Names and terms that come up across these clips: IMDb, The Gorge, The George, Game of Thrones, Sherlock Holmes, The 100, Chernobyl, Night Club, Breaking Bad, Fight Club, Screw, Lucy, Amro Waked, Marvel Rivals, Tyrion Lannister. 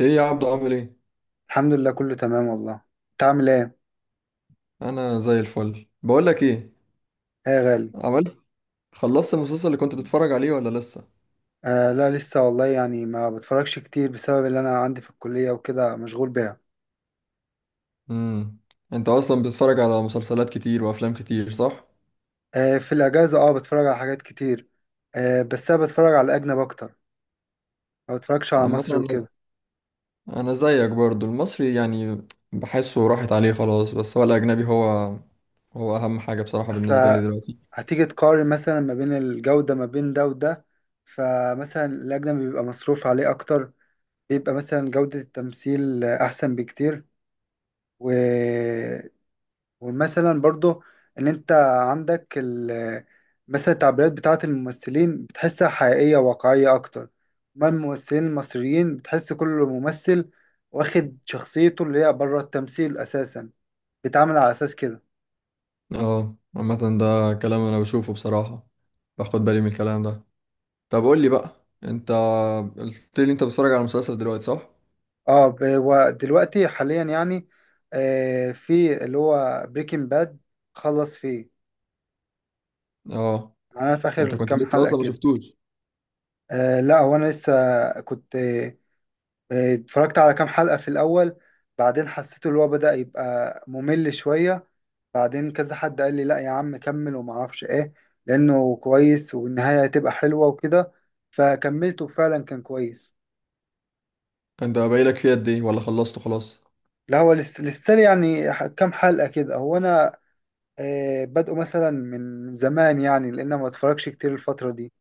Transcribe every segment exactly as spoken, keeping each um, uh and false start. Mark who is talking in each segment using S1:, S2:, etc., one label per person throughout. S1: ايه يا عبدو عامل ايه؟
S2: الحمد لله كله تمام والله. انت عامل ايه؟
S1: انا زي الفل. بقول لك ايه،
S2: ايه يا غالي؟
S1: عملت خلصت المسلسل اللي كنت بتتفرج عليه ولا لسه؟
S2: آه، لا لسه والله، يعني ما بتفرجش كتير بسبب اللي انا عندي في الكلية وكده مشغول بيها.
S1: امم. انت اصلا بتتفرج على مسلسلات كتير وافلام كتير صح؟
S2: آه، في الاجازة، اه، بتفرج على حاجات كتير. آه، بس انا بتفرج على الاجنب اكتر. ما بتفرجش على
S1: عامه
S2: مصري
S1: انا
S2: وكده.
S1: أنا زيك برضو، المصري يعني بحسه راحت عليه خلاص، بس هو الاجنبي هو هو اهم حاجه بصراحه
S2: اصل،
S1: بالنسبه لي دلوقتي.
S2: هتيجي تقارن مثلا ما بين الجودة ما بين ده وده. فمثلا الاجنبي بيبقى مصروف عليه اكتر. بيبقى مثلا جودة التمثيل احسن بكتير. و ومثلا برضو، ان انت عندك ال مثلا التعبيرات بتاعة الممثلين بتحسها حقيقية واقعية اكتر. ما الممثلين المصريين بتحس كل ممثل واخد شخصيته اللي هي بره التمثيل اساسا، بيتعامل على اساس كده.
S1: اه، عامه ده كلام انا بشوفه بصراحه، باخد بالي من الكلام ده. طب قول لي بقى انت، قلت لي انت بتتفرج على مسلسل دلوقتي صح؟
S2: اه، ب- ودلوقتي حاليا يعني، آه في اللي هو بريكنج باد، خلص فيه.
S1: اه.
S2: انا في
S1: انت
S2: اخر
S1: كنت
S2: كام
S1: لسه
S2: حلقة
S1: اصلا ما
S2: كده.
S1: شفتوش؟
S2: آه، لا هو انا لسه كنت. آه، اتفرجت على كام حلقة في الأول، بعدين حسيت اللي هو بدأ يبقى ممل شوية. بعدين كذا حد قال لي لا يا عم كمل، وما اعرفش ايه، لأنه كويس والنهاية هتبقى حلوة وكده. فكملته، فعلا كان كويس.
S1: انت باقيلك فيه قد ايه ولا خلصته خلاص؟
S2: لا، هو لسه لسه لي يعني ح- كام حلقة كده. هو أنا آه، بادئه مثلا من زمان، يعني لأن ما اتفرجش كتير الفترة دي.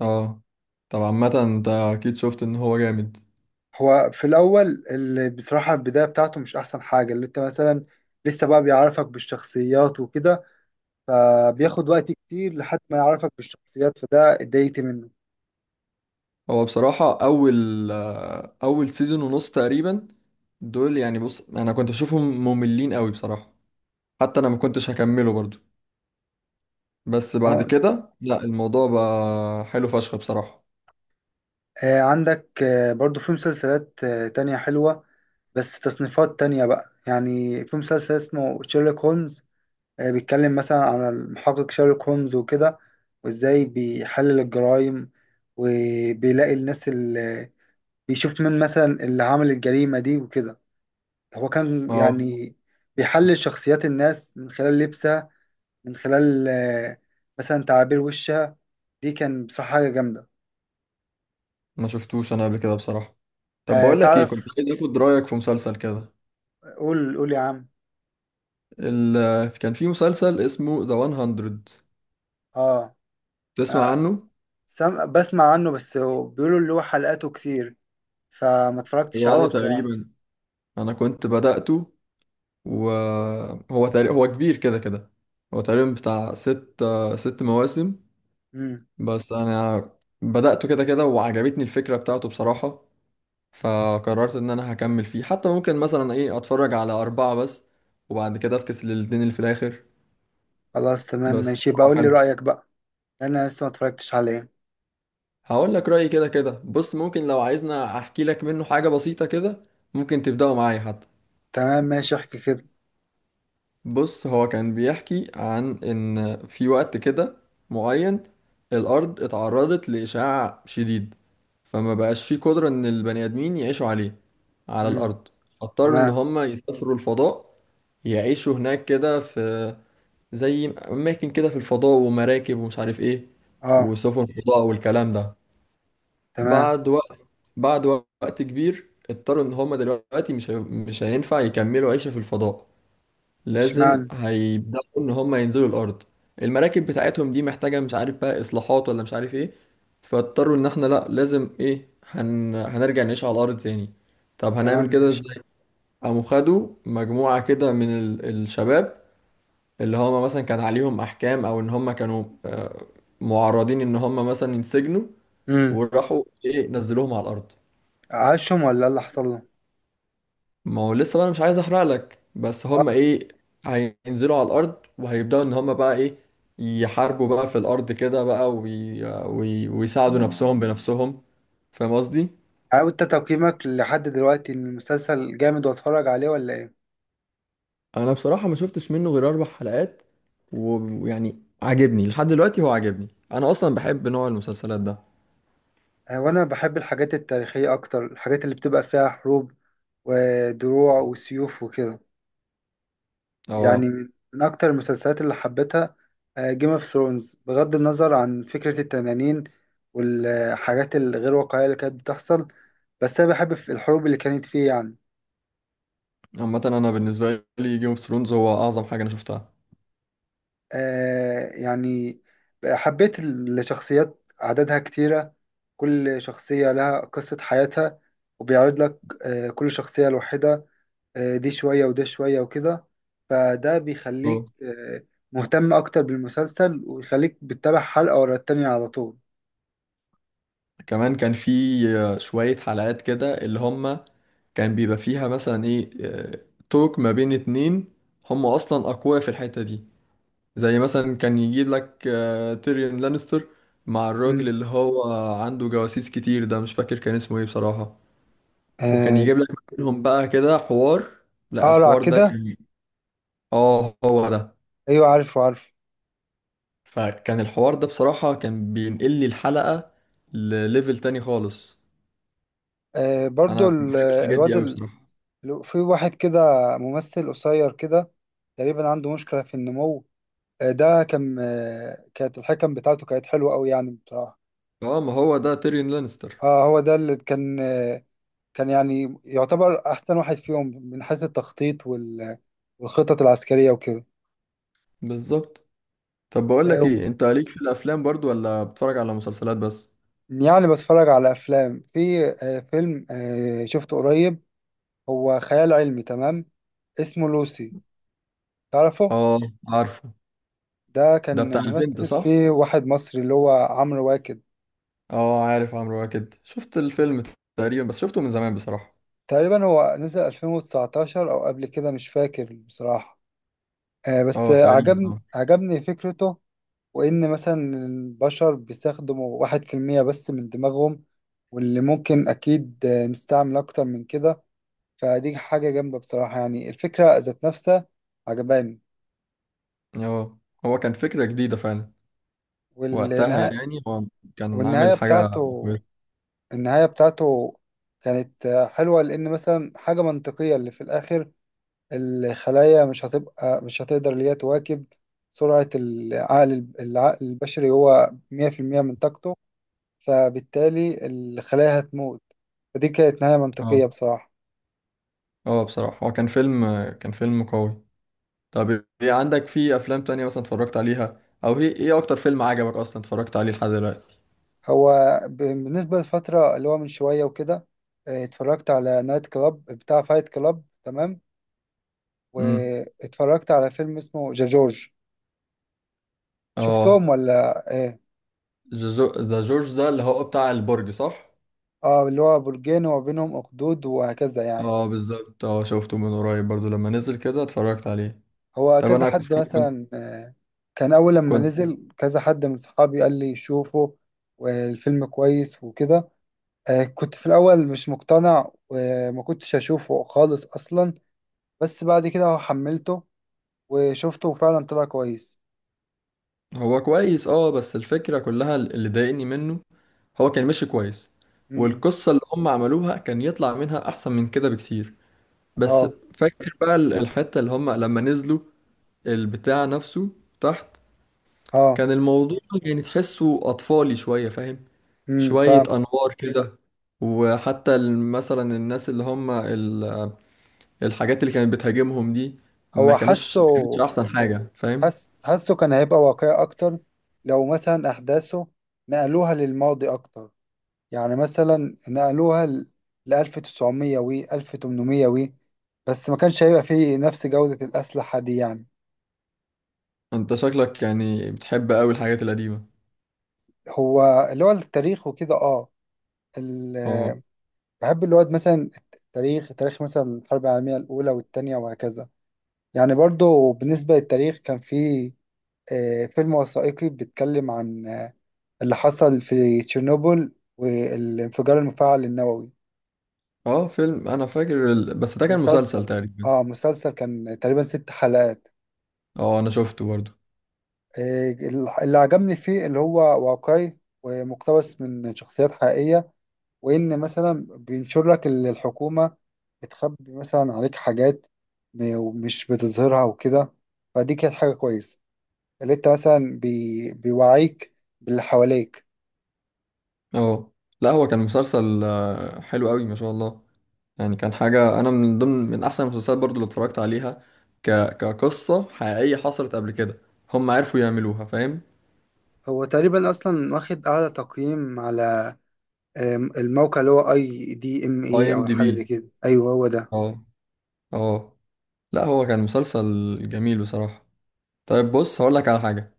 S1: اه. طب عامة انت اكيد شفت ان هو جامد.
S2: هو في الأول اللي بصراحة البداية بتاعته مش أحسن حاجة، اللي أنت مثلا لسه بقى بيعرفك بالشخصيات وكده، فبياخد وقت كتير لحد ما يعرفك بالشخصيات، فده اتضايقت منه.
S1: هو بصراحة اول آه، اول سيزون ونص تقريبا، دول يعني بص انا كنت بشوفهم مملين قوي بصراحة، حتى انا ما كنتش هكمله برضو، بس بعد
S2: اه.
S1: كده لا، الموضوع بقى حلو فشخ بصراحة.
S2: آه، عندك آه، برضو في مسلسلات آه، تانية حلوة، بس تصنيفات تانية بقى. يعني في مسلسل اسمه شيرلوك هولمز، آه، بيتكلم مثلا عن المحقق شيرلوك هولمز وكده، وازاي بيحلل الجرائم، وبيلاقي الناس اللي بيشوف مين مثلا اللي عمل الجريمة دي وكده. هو كان
S1: اه.
S2: يعني بيحلل شخصيات الناس من خلال لبسها، من خلال آه، مثلا تعابير وشها. دي كان بصراحة حاجة جامدة.
S1: ما شفتوش انا قبل كده بصراحة. طب
S2: آه،
S1: بقول لك ايه، كنت
S2: تعرف.
S1: عايز اخد رأيك في مسلسل كده.
S2: قول قول يا عم.
S1: ال... كان في مسلسل اسمه ذا مية،
S2: اه.
S1: تسمع
S2: آه،
S1: عنه؟
S2: سم... بسمع عنه، بس هو بيقولوا اللي هو حلقاته كتير، فما اتفرجتش
S1: هو
S2: عليه
S1: اه،
S2: بصراحة.
S1: تقريبا انا كنت بدأته، وهو تقريبا هو كبير كده كده، هو تقريبا بتاع ست ست مواسم.
S2: مم.
S1: بس انا بدأته كده كده، وعجبتني الفكرة بتاعته بصراحة، فقررت ان انا هكمل فيه، حتى ممكن مثلا ايه اتفرج على اربعة بس وبعد كده افكس للاتنين اللي في الاخر.
S2: خلاص تمام
S1: بس
S2: ماشي،
S1: هو
S2: بقول لي
S1: حلو.
S2: رأيك بقى. انا لسه ما اتفرجتش عليه.
S1: هقول لك رأيي كده كده. بص، ممكن لو عايزنا احكي لك منه حاجة بسيطة كده، ممكن تبدأوا معايا حتى.
S2: تمام ماشي، احكي كده.
S1: بص، هو كان بيحكي عن ان في وقت كده معين، الارض اتعرضت لاشعاع شديد، فما بقاش في قدرة ان البني ادمين يعيشوا عليه، على
S2: مم.
S1: الارض. اضطروا ان
S2: تمام.
S1: هم يسافروا الفضاء، يعيشوا هناك كده في زي اماكن كده في الفضاء ومراكب ومش عارف ايه،
S2: اه.
S1: وسفن فضاء والكلام ده.
S2: تمام.
S1: بعد وقت بعد وقت كبير اضطروا ان هم دلوقتي مش هي- مش هينفع يكملوا عيشة في الفضاء، لازم
S2: اشمعنى؟
S1: هيبداوا ان هم ينزلوا الارض. المراكب بتاعتهم دي محتاجه مش عارف بقى اصلاحات ولا مش عارف ايه، فاضطروا ان احنا لا، لازم ايه، هن... هنرجع نعيش على الارض تاني. طب
S2: تمام
S1: هنعمل كده
S2: ماشي.
S1: ازاي؟ قاموا خدوا مجموعه كده من ال... الشباب اللي هم مثلا كان عليهم احكام او ان هم كانوا آه، معرضين ان هم مثلا ينسجنوا،
S2: مم.
S1: وراحوا ايه نزلوهم على الارض.
S2: عاشهم ولا إيه اللي حصل له؟
S1: ما هو لسه بقى، انا مش عايز احرق لك، بس هم
S2: اه.
S1: ايه، هينزلوا على الارض وهيبداوا ان هم بقى ايه، يحاربوا بقى في الارض كده بقى، وي... وي... ويساعدوا نفسهم بنفسهم. فاهم قصدي؟
S2: يعني انت تقييمك لحد دلوقتي ان المسلسل جامد واتفرج عليه، ولا ايه؟
S1: انا بصراحه ما شفتش منه غير اربع حلقات، و- ويعني عاجبني لحد دلوقتي. هو عاجبني، انا اصلا بحب نوع المسلسلات ده.
S2: آه، وانا بحب الحاجات التاريخية اكتر، الحاجات اللي بتبقى فيها حروب ودروع وسيوف وكده. يعني
S1: اه.
S2: من من اكتر المسلسلات اللي حبيتها جيم اوف ثرونز، بغض النظر عن فكرة التنانين والحاجات الغير واقعية اللي كانت بتحصل، بس انا بحب في الحروب اللي كانت فيه يعني.
S1: عامه انا بالنسبه لي جيم اوف ثرونز هو اعظم حاجه انا شفتها.
S2: آه يعني حبيت الشخصيات، عددها كتيرة، كل شخصية لها قصة حياتها، وبيعرض لك آه كل شخصية لوحدها، آه، دي شوية وده شوية وكده. فده
S1: اه.
S2: بيخليك آه، مهتم أكتر بالمسلسل، ويخليك بتتابع حلقة ورا التانية على طول.
S1: كمان كان في شويه حلقات كده اللي هم كان بيبقى فيها مثلا ايه آه، توك ما بين اتنين، هم اصلا اقوياء في الحتة دي، زي مثلا كان يجيب لك آه، تيريون لانستر مع الراجل
S2: مم.
S1: اللي هو عنده جواسيس كتير، ده مش فاكر كان اسمه ايه بصراحة، وكان
S2: آه،
S1: يجيب لك منهم بقى كده حوار. لا،
S2: أقرع
S1: الحوار ده
S2: كده.
S1: كان، اه هو ده.
S2: أيوة، عارفه عارفه.
S1: فكان الحوار ده بصراحة كان بينقل لي الحلقة لليفل تاني خالص.
S2: آه، برضو
S1: انا
S2: ال-
S1: بحب الحاجات دي
S2: الواد
S1: قوي
S2: ال-
S1: بصراحة.
S2: في واحد كده، ممثل قصير كده، تقريبا عنده مشكلة في النمو. آه، ده كان آه، كانت الحكم بتاعته كانت حلوة أوي يعني بصراحة.
S1: اه، ما هو ده تيريون لانستر.
S2: اه، هو ده اللي كان آه، كان يعني يعتبر أحسن واحد فيهم من حيث التخطيط وال- والخطط العسكرية وكده.
S1: بالظبط. طب بقول لك
S2: آه،
S1: ايه، انت ليك في الافلام برضو ولا بتتفرج على مسلسلات بس؟
S2: يعني بتفرج على أفلام. في آه، فيلم آه، شفته قريب، هو خيال علمي تمام، اسمه لوسي. تعرفه؟
S1: اه. عارفه.
S2: ده
S1: ده
S2: كان
S1: بتاع البنت
S2: ممثل
S1: صح؟
S2: فيه واحد مصري اللي هو عمرو واكد.
S1: اه، عارف عمرو واكد. شفت الفيلم تقريبا، بس شفته من زمان بصراحة.
S2: تقريبا هو نزل ألفين وتسعتاشر أو قبل كده مش فاكر بصراحة. آه، بس
S1: اه
S2: آه،
S1: تقريبا
S2: عجبني
S1: اه.
S2: عجبني فكرته، وإن مثلا البشر بيستخدموا واحد في المية بس من دماغهم، واللي ممكن أكيد آه، نستعمل أكتر من كده. فدي حاجة جامدة بصراحة، يعني الفكرة ذات نفسها عجباني.
S1: اه، هو كان فكرة جديدة فعلا وقتها،
S2: والنهاية
S1: يعني هو كان
S2: والنهاية
S1: عامل حاجة
S2: بتاعته
S1: كويسة.
S2: النهاية بتاعته كانت آه، حلوة، لأن مثلا حاجة منطقية اللي في الآخر. الخلايا مش هتبقى مش هتقدر اللي هي تواكب سرعة العقل العقل البشري هو مية في المية من طاقته، فبالتالي الخلايا هتموت. فدي كانت نهاية
S1: اه.
S2: منطقية بصراحة.
S1: اه، بصراحة هو كان فيلم كان فيلم قوي. طب، ايه عندك في افلام تانية مثلا اتفرجت عليها، او ايه ايه اكتر فيلم عجبك اصلا اتفرجت عليه لحد دلوقتي؟
S2: هو ب- بالنسبة للفترة اللي هو من شوية وكده، آه، اتفرجت على نايت كلاب بتاع فايت كلاب، تمام،
S1: امم
S2: واتفرجت على فيلم اسمه ذا جورج.
S1: اه.
S2: شفتهم ولا ايه؟
S1: ذا جو- ذا جورج ده اللي هو بتاع البرج صح؟
S2: اه، اللي هو برجين وما بينهم اخدود وهكذا يعني.
S1: اه بالظبط، اه شفته من قريب برضو لما نزل كده اتفرجت عليه.
S2: هو
S1: طب
S2: كذا
S1: انا، كنت
S2: حد
S1: كنت
S2: مثلا آه، كان اول لما
S1: كنت-
S2: نزل كذا حد من صحابي قال لي شوفه والفيلم كويس وكده. آه، كنت في الاول مش مقتنع وما كنتش اشوفه خالص اصلا، بس بعد كده حملته وشفته، فعلا طلع كويس.
S1: هو كويس. اه بس الفكرة كلها اللي ضايقني منه، هو كان ماشي كويس
S2: امم.
S1: والقصة اللي هم عملوها كان يطلع منها احسن من كده بكتير. بس
S2: اه.
S1: فاكر بقى ال- الحتة اللي هم لما نزلوا البتاع نفسه تحت،
S2: اه.
S1: كان الموضوع يعني تحسه اطفالي شوية، فاهم؟
S2: امم
S1: شوية
S2: فاهم.
S1: أنوار كده، وحتى ال- مثلا الناس اللي هم ال- الحاجات اللي كانت بتهاجمهم دي ما
S2: هو
S1: كانوش
S2: حاسه.
S1: ما كانتش أحسن حاجة، فاهم؟
S2: حس حاسه كان هيبقى واقعي اكتر لو مثلا احداثه نقلوها للماضي اكتر. يعني مثلا نقلوها ل ألف وتسعمية و ألف وتمنمية، و بس ما كانش هيبقى فيه نفس جودة الأسلحة دي يعني.
S1: أنت شكلك يعني بتحب أوي الحاجات القديمة.
S2: هو اللي هو التاريخ وكده، اه. ال-
S1: اه.
S2: بحب اللي هو مثلا التاريخ، تاريخ مثلا الحرب العالمية الأولى والتانية وهكذا. يعني برضو بالنسبة للتاريخ كان في آه، فيلم وثائقي بيتكلم عن آه، اللي حصل في تشيرنوبل، والانفجار المفاعل النووي.
S1: اه، فيلم أنا فاكر ال... بس ده كان مسلسل
S2: المسلسل.
S1: تقريبا.
S2: اه، مسلسل كان تقريبا ست حلقات.
S1: اه أنا شفته برضو.
S2: آه، اللي عجبني فيه اللي هو واقعي ومقتبس من شخصيات حقيقية، وإن مثلا بينشر لك اللي الحكومة بتخبي مثلا عليك حاجات م- ومش بتظهرها وكده. فدي كانت حاجة كويسة، اللي انت مثلا بي... بيوعيك باللي حواليك.
S1: اه لا، هو كان مسلسل آه، حلو أوي ما شاء الله، يعني كان حاجة، أنا من ضمن من أحسن المسلسلات برضو اللي اتفرجت عليها، ك... كقصة حقيقية حصلت قبل كده، هم عرفوا يعملوها، فاهم؟
S2: هو تقريبا اصلا واخد اعلى تقييم على آم، الموقع اللي هو اي دي ام
S1: اي
S2: اي،
S1: ام
S2: او
S1: دي
S2: حاجه
S1: بي
S2: زي كده، ايوه هو ده.
S1: اه. اه لا، هو كان مسلسل جميل بصراحة. طيب بص هقولك على حاجة،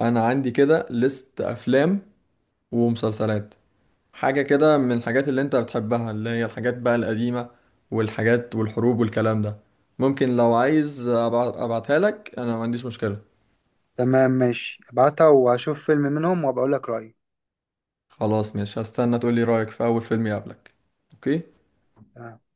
S1: انا عندي كده ليست افلام ومسلسلات، حاجة كده من الحاجات اللي انت بتحبها اللي هي الحاجات بقى القديمة والحاجات والحروب والكلام ده. ممكن لو عايز أبع- ابعتها لك، انا ما عنديش مشكلة.
S2: تمام ماشي، ابعتها واشوف فيلم منهم وبقول لك رايي.
S1: خلاص مش هستنى، تقولي رأيك في اول فيلم يقابلك. اوكي.
S2: تمام.